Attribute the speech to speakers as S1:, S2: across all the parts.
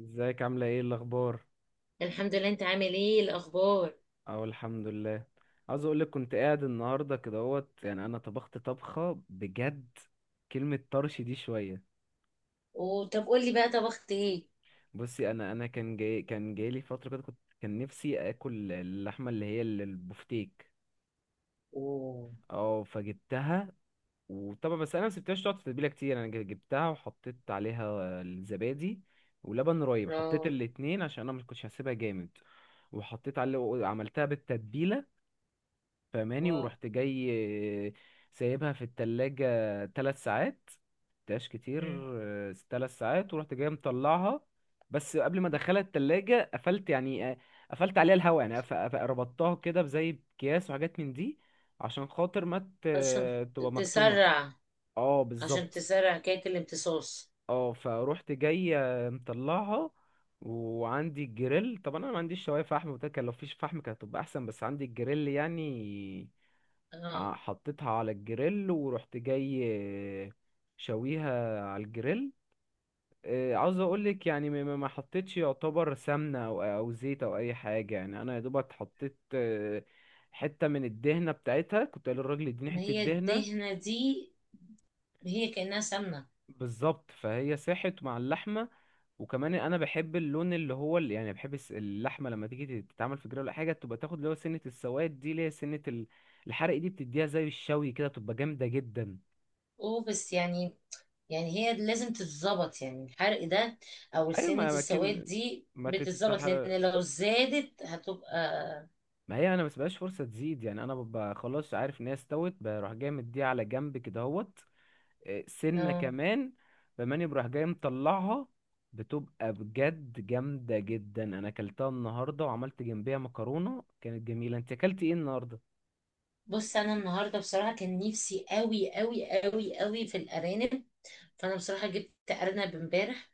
S1: ازيك عاملة ايه الأخبار؟
S2: الحمد لله، انت عامل ايه الاخبار؟
S1: أهو الحمد لله. عاوز أقولك كنت قاعد النهاردة كده اهوت، يعني أنا طبخت طبخة بجد. كلمة طرش دي شوية.
S2: وطب قولي بقى طبخت ايه؟
S1: بصي، أنا كان جايلي فترة كده كان نفسي آكل اللحمة اللي هي البفتيك.
S2: اوه.
S1: اه، فجبتها. وطبعا بس أنا مسبتهاش تقعد في التتبيلة كتير، أنا جبتها وحطيت عليها الزبادي ولبن رايب. حطيت
S2: اه.
S1: الاتنين عشان أنا مكنتش هسيبها جامد. وحطيت عليه وعملتها بالتتبيلة. فاهماني؟
S2: واو.
S1: ورحت جاي، آه، سايبها في التلاجة 3 ساعات. مبقتهاش كتير.
S2: مم.
S1: 3 ساعات ورحت جاي مطلعها. بس قبل ما ادخلها التلاجة قفلت يعني، قفلت عليها الهواء. يعني ربطتها كده بزي اكياس وحاجات من دي عشان خاطر ما
S2: عشان
S1: تبقى مكتومة.
S2: تسرع
S1: اه،
S2: عشان
S1: بالظبط.
S2: تسرع كيك الامتصاص.
S1: اه، فروحت جاي مطلعها. وعندي الجريل، طبعا انا ما عنديش شوايه فحم وكده. كان لو فيش فحم كانت هتبقى احسن، بس عندي الجريل يعني.
S2: اه.
S1: حطيتها على الجريل ورحت جاي، آه، شويها على الجريل. عاوز اقولك يعني ما حطيتش يعتبر سمنة او زيت او اي حاجة. يعني انا يا دوبك حطيت حتة من الدهنة بتاعتها. كنت قايل للراجل اديني
S2: ما
S1: حتة
S2: هي
S1: دهنة.
S2: الدهنة دي، هي كأنها سمنة.
S1: بالظبط، فهي ساحت مع اللحمة. وكمان انا بحب اللون اللي هو اللي يعني، بحب اللحمة لما تيجي تتعمل في جريل ولا حاجة تبقى تاخد اللي هو سنة السواد دي، اللي هي سنة الحرق دي. بتديها زي الشوي كده، تبقى جامدة جدا.
S2: اوه، بس يعني هي لازم تتظبط يعني الحرق ده، او
S1: ايوه،
S2: سنة السواد دي
S1: ما
S2: بتتظبط،
S1: تتحر
S2: لان لو زادت هتبقى.
S1: ما هي انا ما بسيبهاش فرصه تزيد. يعني انا ببقى خلاص عارف ان هي استوت، بروح جاي مديها على جنب كده اهوت. إيه، سنه
S2: اه.
S1: كمان. بماني بروح جاي مطلعها. بتبقى بجد جامده جدا. انا اكلتها النهارده وعملت جنبيها مكرونه كانت جميله. انت اكلت ايه النهارده؟
S2: بص، انا النهارده بصراحة كان نفسي قوي قوي قوي قوي في الارانب، فانا بصراحه جبت ارنب امبارح.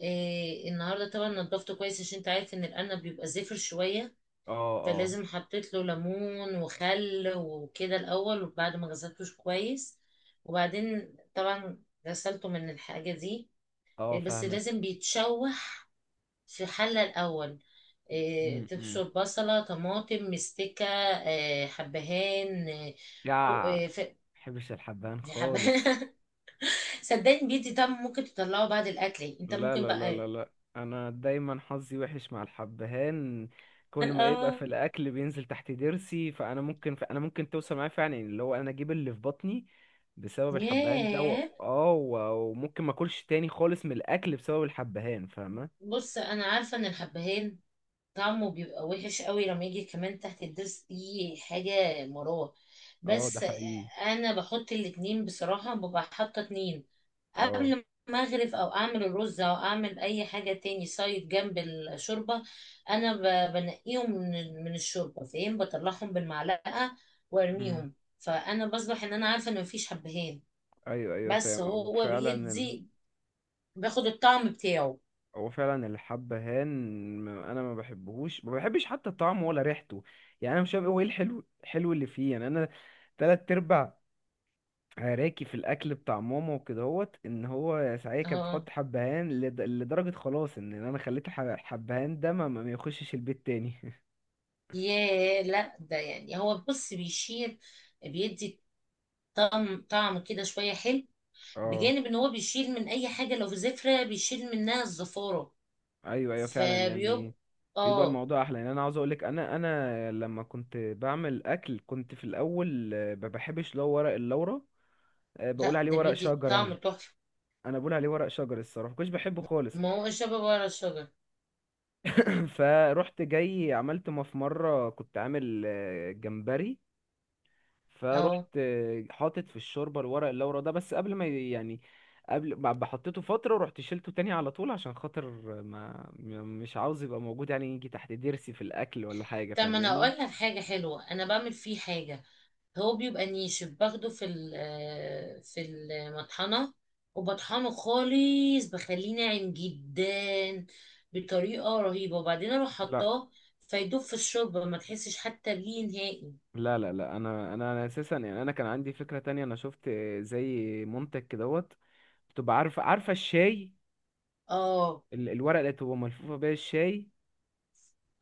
S2: إيه، النهارده طبعا نضفته كويس، عشان انت عارف ان الارنب بيبقى زفر شويه،
S1: اه، اه،
S2: فلازم حطيت له ليمون وخل وكده الاول، وبعد ما غسلتوش كويس، وبعدين طبعا غسلته من الحاجه دي.
S1: اه،
S2: إيه، بس
S1: فاهمك.
S2: لازم بيتشوح في حله الاول. إيه، تبشر
S1: امم.
S2: بصله، طماطم، مستكه. إيه، حبهان، إيه.
S1: يا ما
S2: إيه،
S1: بحبش الحبهان
S2: في
S1: خالص.
S2: حبهان. صدقني بيدي طعم ممكن تطلعه بعد الاكل، يعني انت
S1: لا،
S2: ممكن
S1: لا، لا، لا،
S2: بقى.
S1: لا. انا دايما حظي وحش مع الحبهان. كل ما يبقى في
S2: اه.
S1: الاكل بينزل تحت ضرسي. فانا ممكن، انا ممكن توصل معايا فعلا اللي هو انا اجيب اللي في بطني بسبب الحبهان ده.
S2: ياه،
S1: وممكن ما اكلش تاني خالص من الاكل بسبب الحبهان. فاهمه؟
S2: بص انا عارفه ان الحبهان طعمه بيبقى وحش قوي لما يجي كمان تحت الضرس دي، حاجه مراره.
S1: اه، ده
S2: بس
S1: حقيقي.
S2: انا بحط الاتنين بصراحه، ببقى حاطه اتنين
S1: اه.
S2: قبل ما اغرف او اعمل الرز او اعمل اي حاجه، تاني سايد جنب الشوربه. انا بنقيهم من الشوربه، فاهم؟ بطلعهم بالمعلقه
S1: مم.
S2: وارميهم، فانا بصبح ان انا عارفه ان مفيش حبهان.
S1: ايوه، ايوه،
S2: بس
S1: فاهم. هو
S2: هو
S1: فعلا
S2: بيدي، باخد الطعم بتاعه.
S1: هو فعلا الحبهان. انا ما بحبش حتى طعمه ولا ريحته. يعني انا مش فاهم، إيه هو ايه الحلو الحلو اللي فيه. يعني انا 3 ارباع عراكي في الاكل بتاع ماما وكدهوت ان هو ساعتها كانت
S2: اه.
S1: بتحط حبهان لدرجه خلاص ان انا خليت الحبهان ده ما يخشش البيت تاني
S2: ياه، لا ده يعني هو بص بيشيل، بيدي طعم طعم كده شويه حلو،
S1: اه.
S2: بجانب ان هو بيشيل من اي حاجه، لو في زفره بيشيل منها الزفاره،
S1: ايوه، ايوه، فعلا
S2: فبيبقى.
S1: يعني بيبقى
S2: اه.
S1: الموضوع احلى. يعني انا عاوز اقولك، انا لما كنت بعمل اكل كنت في الاول ما بحبش لو ورق اللورا. بقول
S2: لا،
S1: عليه
S2: ده
S1: ورق
S2: بيدي
S1: شجر
S2: طعم
S1: انا.
S2: تحفه.
S1: انا بقول عليه ورق شجر الصراحه، مكنتش بحبه خالص.
S2: ما هو الشباب ورا الشجر.
S1: فروحت جاي عملت ما في مره كنت عامل جمبري.
S2: اه.
S1: فروحت حاطط في الشوربه الورق اللورا ده. بس قبل ما يعني قبل، بعد ما حطيته فتره، رحت شيلته تاني على طول عشان خاطر ما م- مش عاوز يبقى موجود، يعني يجي تحت ضرسي في الاكل ولا حاجه.
S2: طب ما انا اقول
S1: فاهماني؟
S2: لك حاجه حلوه، انا بعمل فيه حاجه. هو بيبقى نيش، باخده في ال- آه، في المطحنة، وبطحنه خالص، بخليه ناعم جدا بطريقة رهيبة، وبعدين اروح
S1: لا،
S2: حطاه فيدوب في الشوربة، ما تحسش حتى بيه نهائي.
S1: لا، لا، لا، انا اساسا يعني. انا كان عندي فكره تانية. انا شفت زي منتج كدهوت. بتبقى عارفه؟ الشاي،
S2: اه،
S1: الورقه اللي بتبقى ملفوفه بيها الشاي.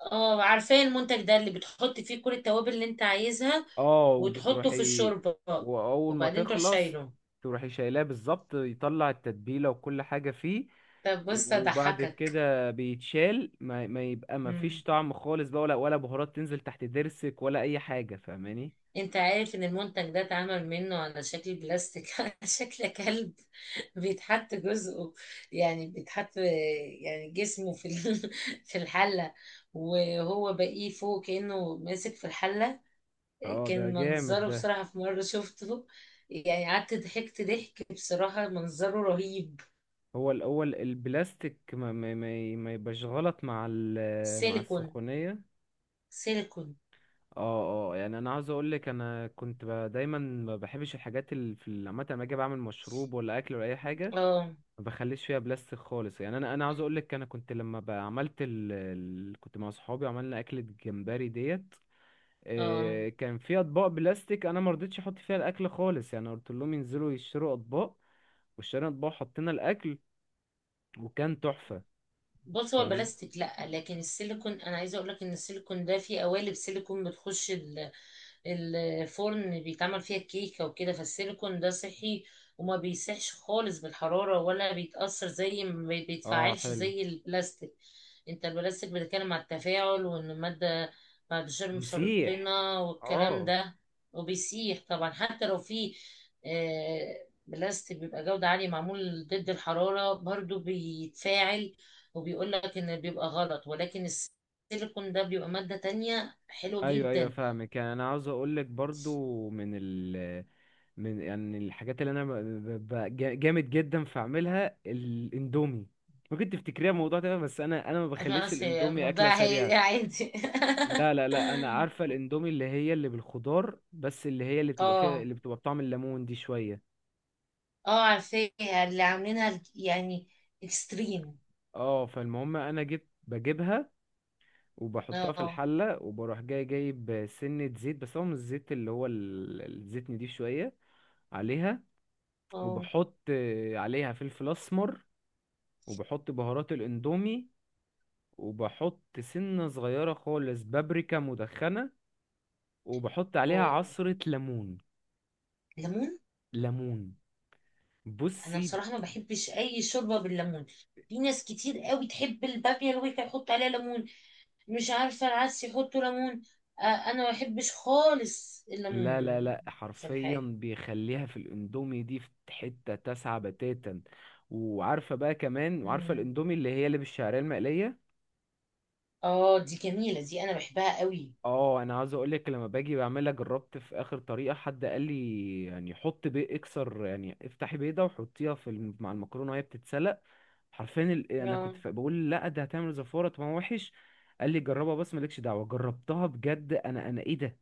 S2: اه، عارفاه المنتج ده، اللي بتحط فيه كل التوابل اللي انت عايزها
S1: اه،
S2: وتحطه في
S1: وبتروحي
S2: الشوربة،
S1: واول ما
S2: وبعدين تروح
S1: تخلص
S2: شايله.
S1: تروحي شايلاه. بالظبط، يطلع التتبيله وكل حاجه فيه.
S2: طب بص
S1: وبعد
S2: اضحكك،
S1: كده بيتشال، ما يبقى ما فيش طعم خالص بقى، ولا بهارات تنزل تحت ضرسك ولا اي حاجه. فاهماني؟
S2: انت عارف ان المنتج ده اتعمل منه على شكل بلاستيك على شكل كلب؟ بيتحط جزءه، يعني بيتحط يعني جسمه في الحلة، وهو باقيه فوق كأنه ماسك في الحلة.
S1: اه، ده
S2: كان
S1: جامد
S2: منظره
S1: ده.
S2: بصراحة في مرة شفته، يعني قعدت ضحكت ضحك، بصراحة منظره رهيب.
S1: هو الاول البلاستيك ما يبقاش غلط مع مع
S2: سيليكون،
S1: السخونيه.
S2: سيليكون.
S1: اه، اه، يعني انا عاوز اقول لك، انا كنت دايما ما بحبش الحاجات اللي في عامه لما اجي بعمل مشروب ولا اكل ولا اي حاجه.
S2: اه،
S1: ما بخليش فيها بلاستيك خالص. يعني انا عاوز اقول لك انا كنت لما عملت، كنت مع صحابي عملنا اكلة جمبري ديت.
S2: اه،
S1: كان في اطباق بلاستيك، انا ما رضيتش احط فيها الاكل خالص. يعني قلت لهم ينزلوا يشتروا اطباق. واشترينا اطباق، حطينا الاكل، وكان تحفة.
S2: بص هو
S1: فاهم.
S2: البلاستيك لا، لكن السيليكون، انا عايزه اقول لك ان السيليكون ده فيه قوالب سيليكون بتخش الفرن، بيتعمل فيها الكيكة وكده، فالسيليكون ده صحي، وما بيسيحش خالص بالحرارة ولا بيتأثر، زي ما
S1: اه،
S2: بيتفاعلش
S1: حلو.
S2: زي البلاستيك. انت البلاستيك بتتكلم على التفاعل، وان المادة بعد شر
S1: بيسيح.
S2: مسرطنة والكلام
S1: اه.
S2: ده، وبيسيح طبعا، حتى لو في بلاستيك بيبقى جودة عالية معمول ضد الحرارة، برضو بيتفاعل، وبيقول لك ان بيبقى غلط، ولكن السيليكون ده بيبقى مادة تانية حلوة
S1: ايوه، ايوه،
S2: جدا.
S1: فاهمك. يعني انا عاوز اقول لك برضو من من يعني الحاجات اللي انا جامد جدا في اعملها الاندومي. ممكن تفتكريها موضوع تاني بس انا ما بخليش
S2: خلاص، هي
S1: الاندومي اكله
S2: الموضوع هي
S1: سريعه.
S2: عادي.
S1: لا، لا، لا، انا عارفه الاندومي اللي هي اللي بالخضار، بس اللي هي اللي بتبقى فيها
S2: اه،
S1: اللي بتبقى بطعم الليمون دي شويه.
S2: اه، عارفاها، اللي عاملينها يعني اكستريم.
S1: اه، فالمهم انا بجيبها وبحطها في
S2: اه،
S1: الحله وبروح جاي جايب سنه زيت، بس هو مش الزيت اللي هو الزيت نضيف شويه عليها.
S2: اه،
S1: وبحط عليها فلفل اسمر. وبحط بهارات الاندومي. وبحط سنة صغيرة خالص بابريكا مدخنة. وبحط عليها
S2: اه،
S1: عصرة ليمون.
S2: ليمون.
S1: ليمون.
S2: انا
S1: بصي،
S2: بصراحة ما بحبش اي شوربة بالليمون، في ناس كتير قوي تحب البابيا، الويكا، يحط عليها ليمون، مش عارفة العدس يحطوا ليمون. آه، انا ما بحبش خالص
S1: لا، لا،
S2: الليمون
S1: لا،
S2: في
S1: حرفيا
S2: الحاجة.
S1: بيخليها في الاندومي دي في حتة تسعة بتاتا. وعارفة بقى كمان، وعارفة
S2: مم.
S1: الاندومي اللي هي اللي بالشعرية المقلية.
S2: اه، دي جميلة دي، انا بحبها قوي.
S1: اه، انا عاوز اقولك لما باجي بعملها جربت في اخر طريقة حد قال لي يعني حط بيض، اكسر يعني افتحي بيضة وحطيها في مع المكرونة وهي بتتسلق. حرفيا انا
S2: اه.
S1: كنت بقول لا ده هتعمل زفاره، طب ما هو وحش. قال لي جربها بس مالكش دعوه. جربتها بجد، انا ايه ده.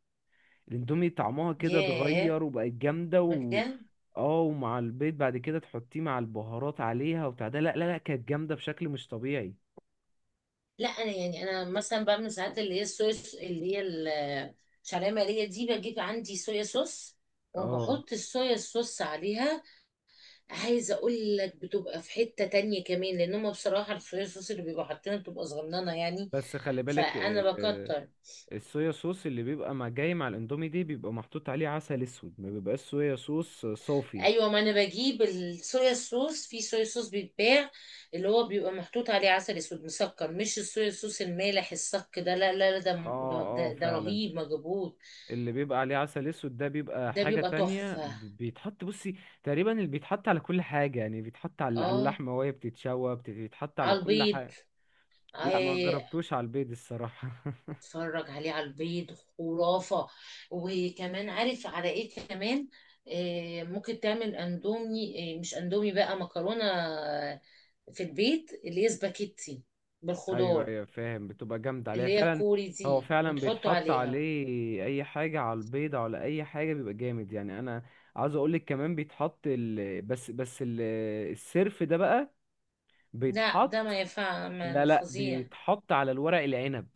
S1: الاندومي طعمها كده
S2: ياه،
S1: اتغير وبقت جامده و.
S2: بجد؟
S1: اه، ومع البيض بعد كده تحطيه مع البهارات عليها وبتاع ده. لا، لا، لا، كانت جامده بشكل مش طبيعي.
S2: لا، انا يعني انا مثلا بعمل ساعات اللي هي الصويا اللي هي الشعريه مقليه دي، بجيب عندي صويا صوص
S1: اه،
S2: وبحط الصويا صوص عليها، عايزه اقول لك بتبقى في حته تانية كمان، لان هم بصراحه الصويا صوص اللي بيبقوا حاطينها بتبقى صغننه يعني،
S1: بس خلي بالك
S2: فانا بكتر.
S1: الصويا صوص اللي بيبقى مع مع الاندومي دي بيبقى محطوط عليه عسل اسود. ما بيبقاش صويا صوص صافي.
S2: ايوه، ما انا بجيب الصويا صوص، في صويا صوص بيتباع اللي هو بيبقى محطوط عليه عسل اسود مسكر، مش الصويا صوص المالح الصك ده، لا، لا، لا،
S1: اه،
S2: ده
S1: اه،
S2: ده, ده
S1: فعلا.
S2: رهيب مجبوط،
S1: اللي بيبقى عليه عسل اسود ده بيبقى
S2: ده
S1: حاجة
S2: بيبقى
S1: تانية.
S2: تحفه.
S1: بيتحط بصي تقريبا اللي بيتحط على كل حاجة. يعني بيتحط على
S2: اه،
S1: اللحمة وهي بتتشوى، بيتحط على
S2: على
S1: كل
S2: البيض.
S1: حاجة. لا، ما
S2: آه،
S1: جربتوش على البيض الصراحة
S2: اتفرج عليه على البيض، خرافة. وكمان عارف على ايه كمان؟ ممكن تعمل اندومي، مش اندومي بقى مكرونة في البيت، اللي هي سباكيتي
S1: ايوه،
S2: بالخضار،
S1: ايوه، فاهم، بتبقى جامدة عليها
S2: اللي هي
S1: فعلا.
S2: الكوري
S1: هو
S2: دي
S1: فعلا
S2: وتحطه
S1: بيتحط
S2: عليها.
S1: عليه اي حاجة، على البيض على اي حاجة بيبقى جامد. يعني انا عاوز اقولك كمان بيتحط بس السرف ده بقى
S2: لا ده
S1: بيتحط.
S2: ما ينفع،
S1: لا، لا،
S2: فظيع.
S1: بيتحط على الورق العنب.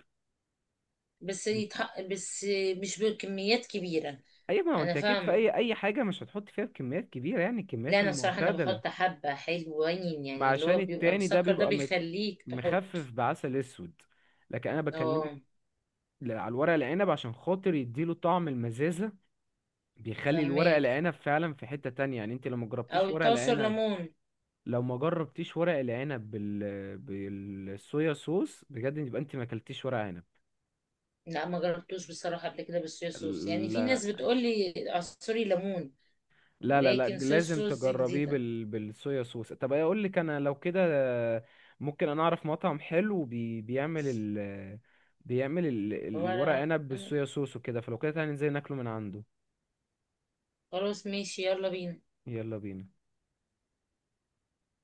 S2: بس بس مش بكميات كبيرة.
S1: اي، ما هو
S2: انا
S1: انت اكيد في
S2: فاهمة.
S1: اي حاجه مش هتحط فيها بكميات كبيره يعني،
S2: لا،
S1: الكميات
S2: انا بصراحة انا
S1: المعتدله.
S2: بحط حبة حلوين،
S1: ما
S2: يعني اللي
S1: عشان
S2: هو بيبقى
S1: التاني ده
S2: مسكر ده
S1: بيبقى
S2: بيخليك تحط.
S1: مخفف بعسل اسود. لكن انا بكلمك
S2: اه،
S1: على الورق العنب عشان خاطر يديله طعم المزازه. بيخلي الورق
S2: فهماك.
S1: العنب فعلا في حته تانية. يعني انت لو ما
S2: او
S1: جربتيش ورق
S2: التعصر
S1: العنب،
S2: ليمون؟
S1: لو ما جربتيش ورق العنب بالصويا صوص بجد، يبقى انت ما اكلتيش ورق
S2: لا، ما جربتوش بصراحه قبل كده بالصويا صوص، يعني في
S1: عنب.
S2: ناس بتقول لي اعصري ليمون،
S1: لا، لا، لا،
S2: لكن صويا
S1: لازم
S2: صوص دي
S1: تجربيه
S2: جديده.
S1: بالصويا صوص. طب اقول لك انا لو كده ممكن انا اعرف مطعم حلو بيعمل بيعمل الورق
S2: ولا
S1: عنب
S2: أنا-
S1: بالصويا صوص وكده. فلو كده تعالى ننزل ناكله من عنده.
S2: خلاص، ماشي، يلا بينا.
S1: يلا بينا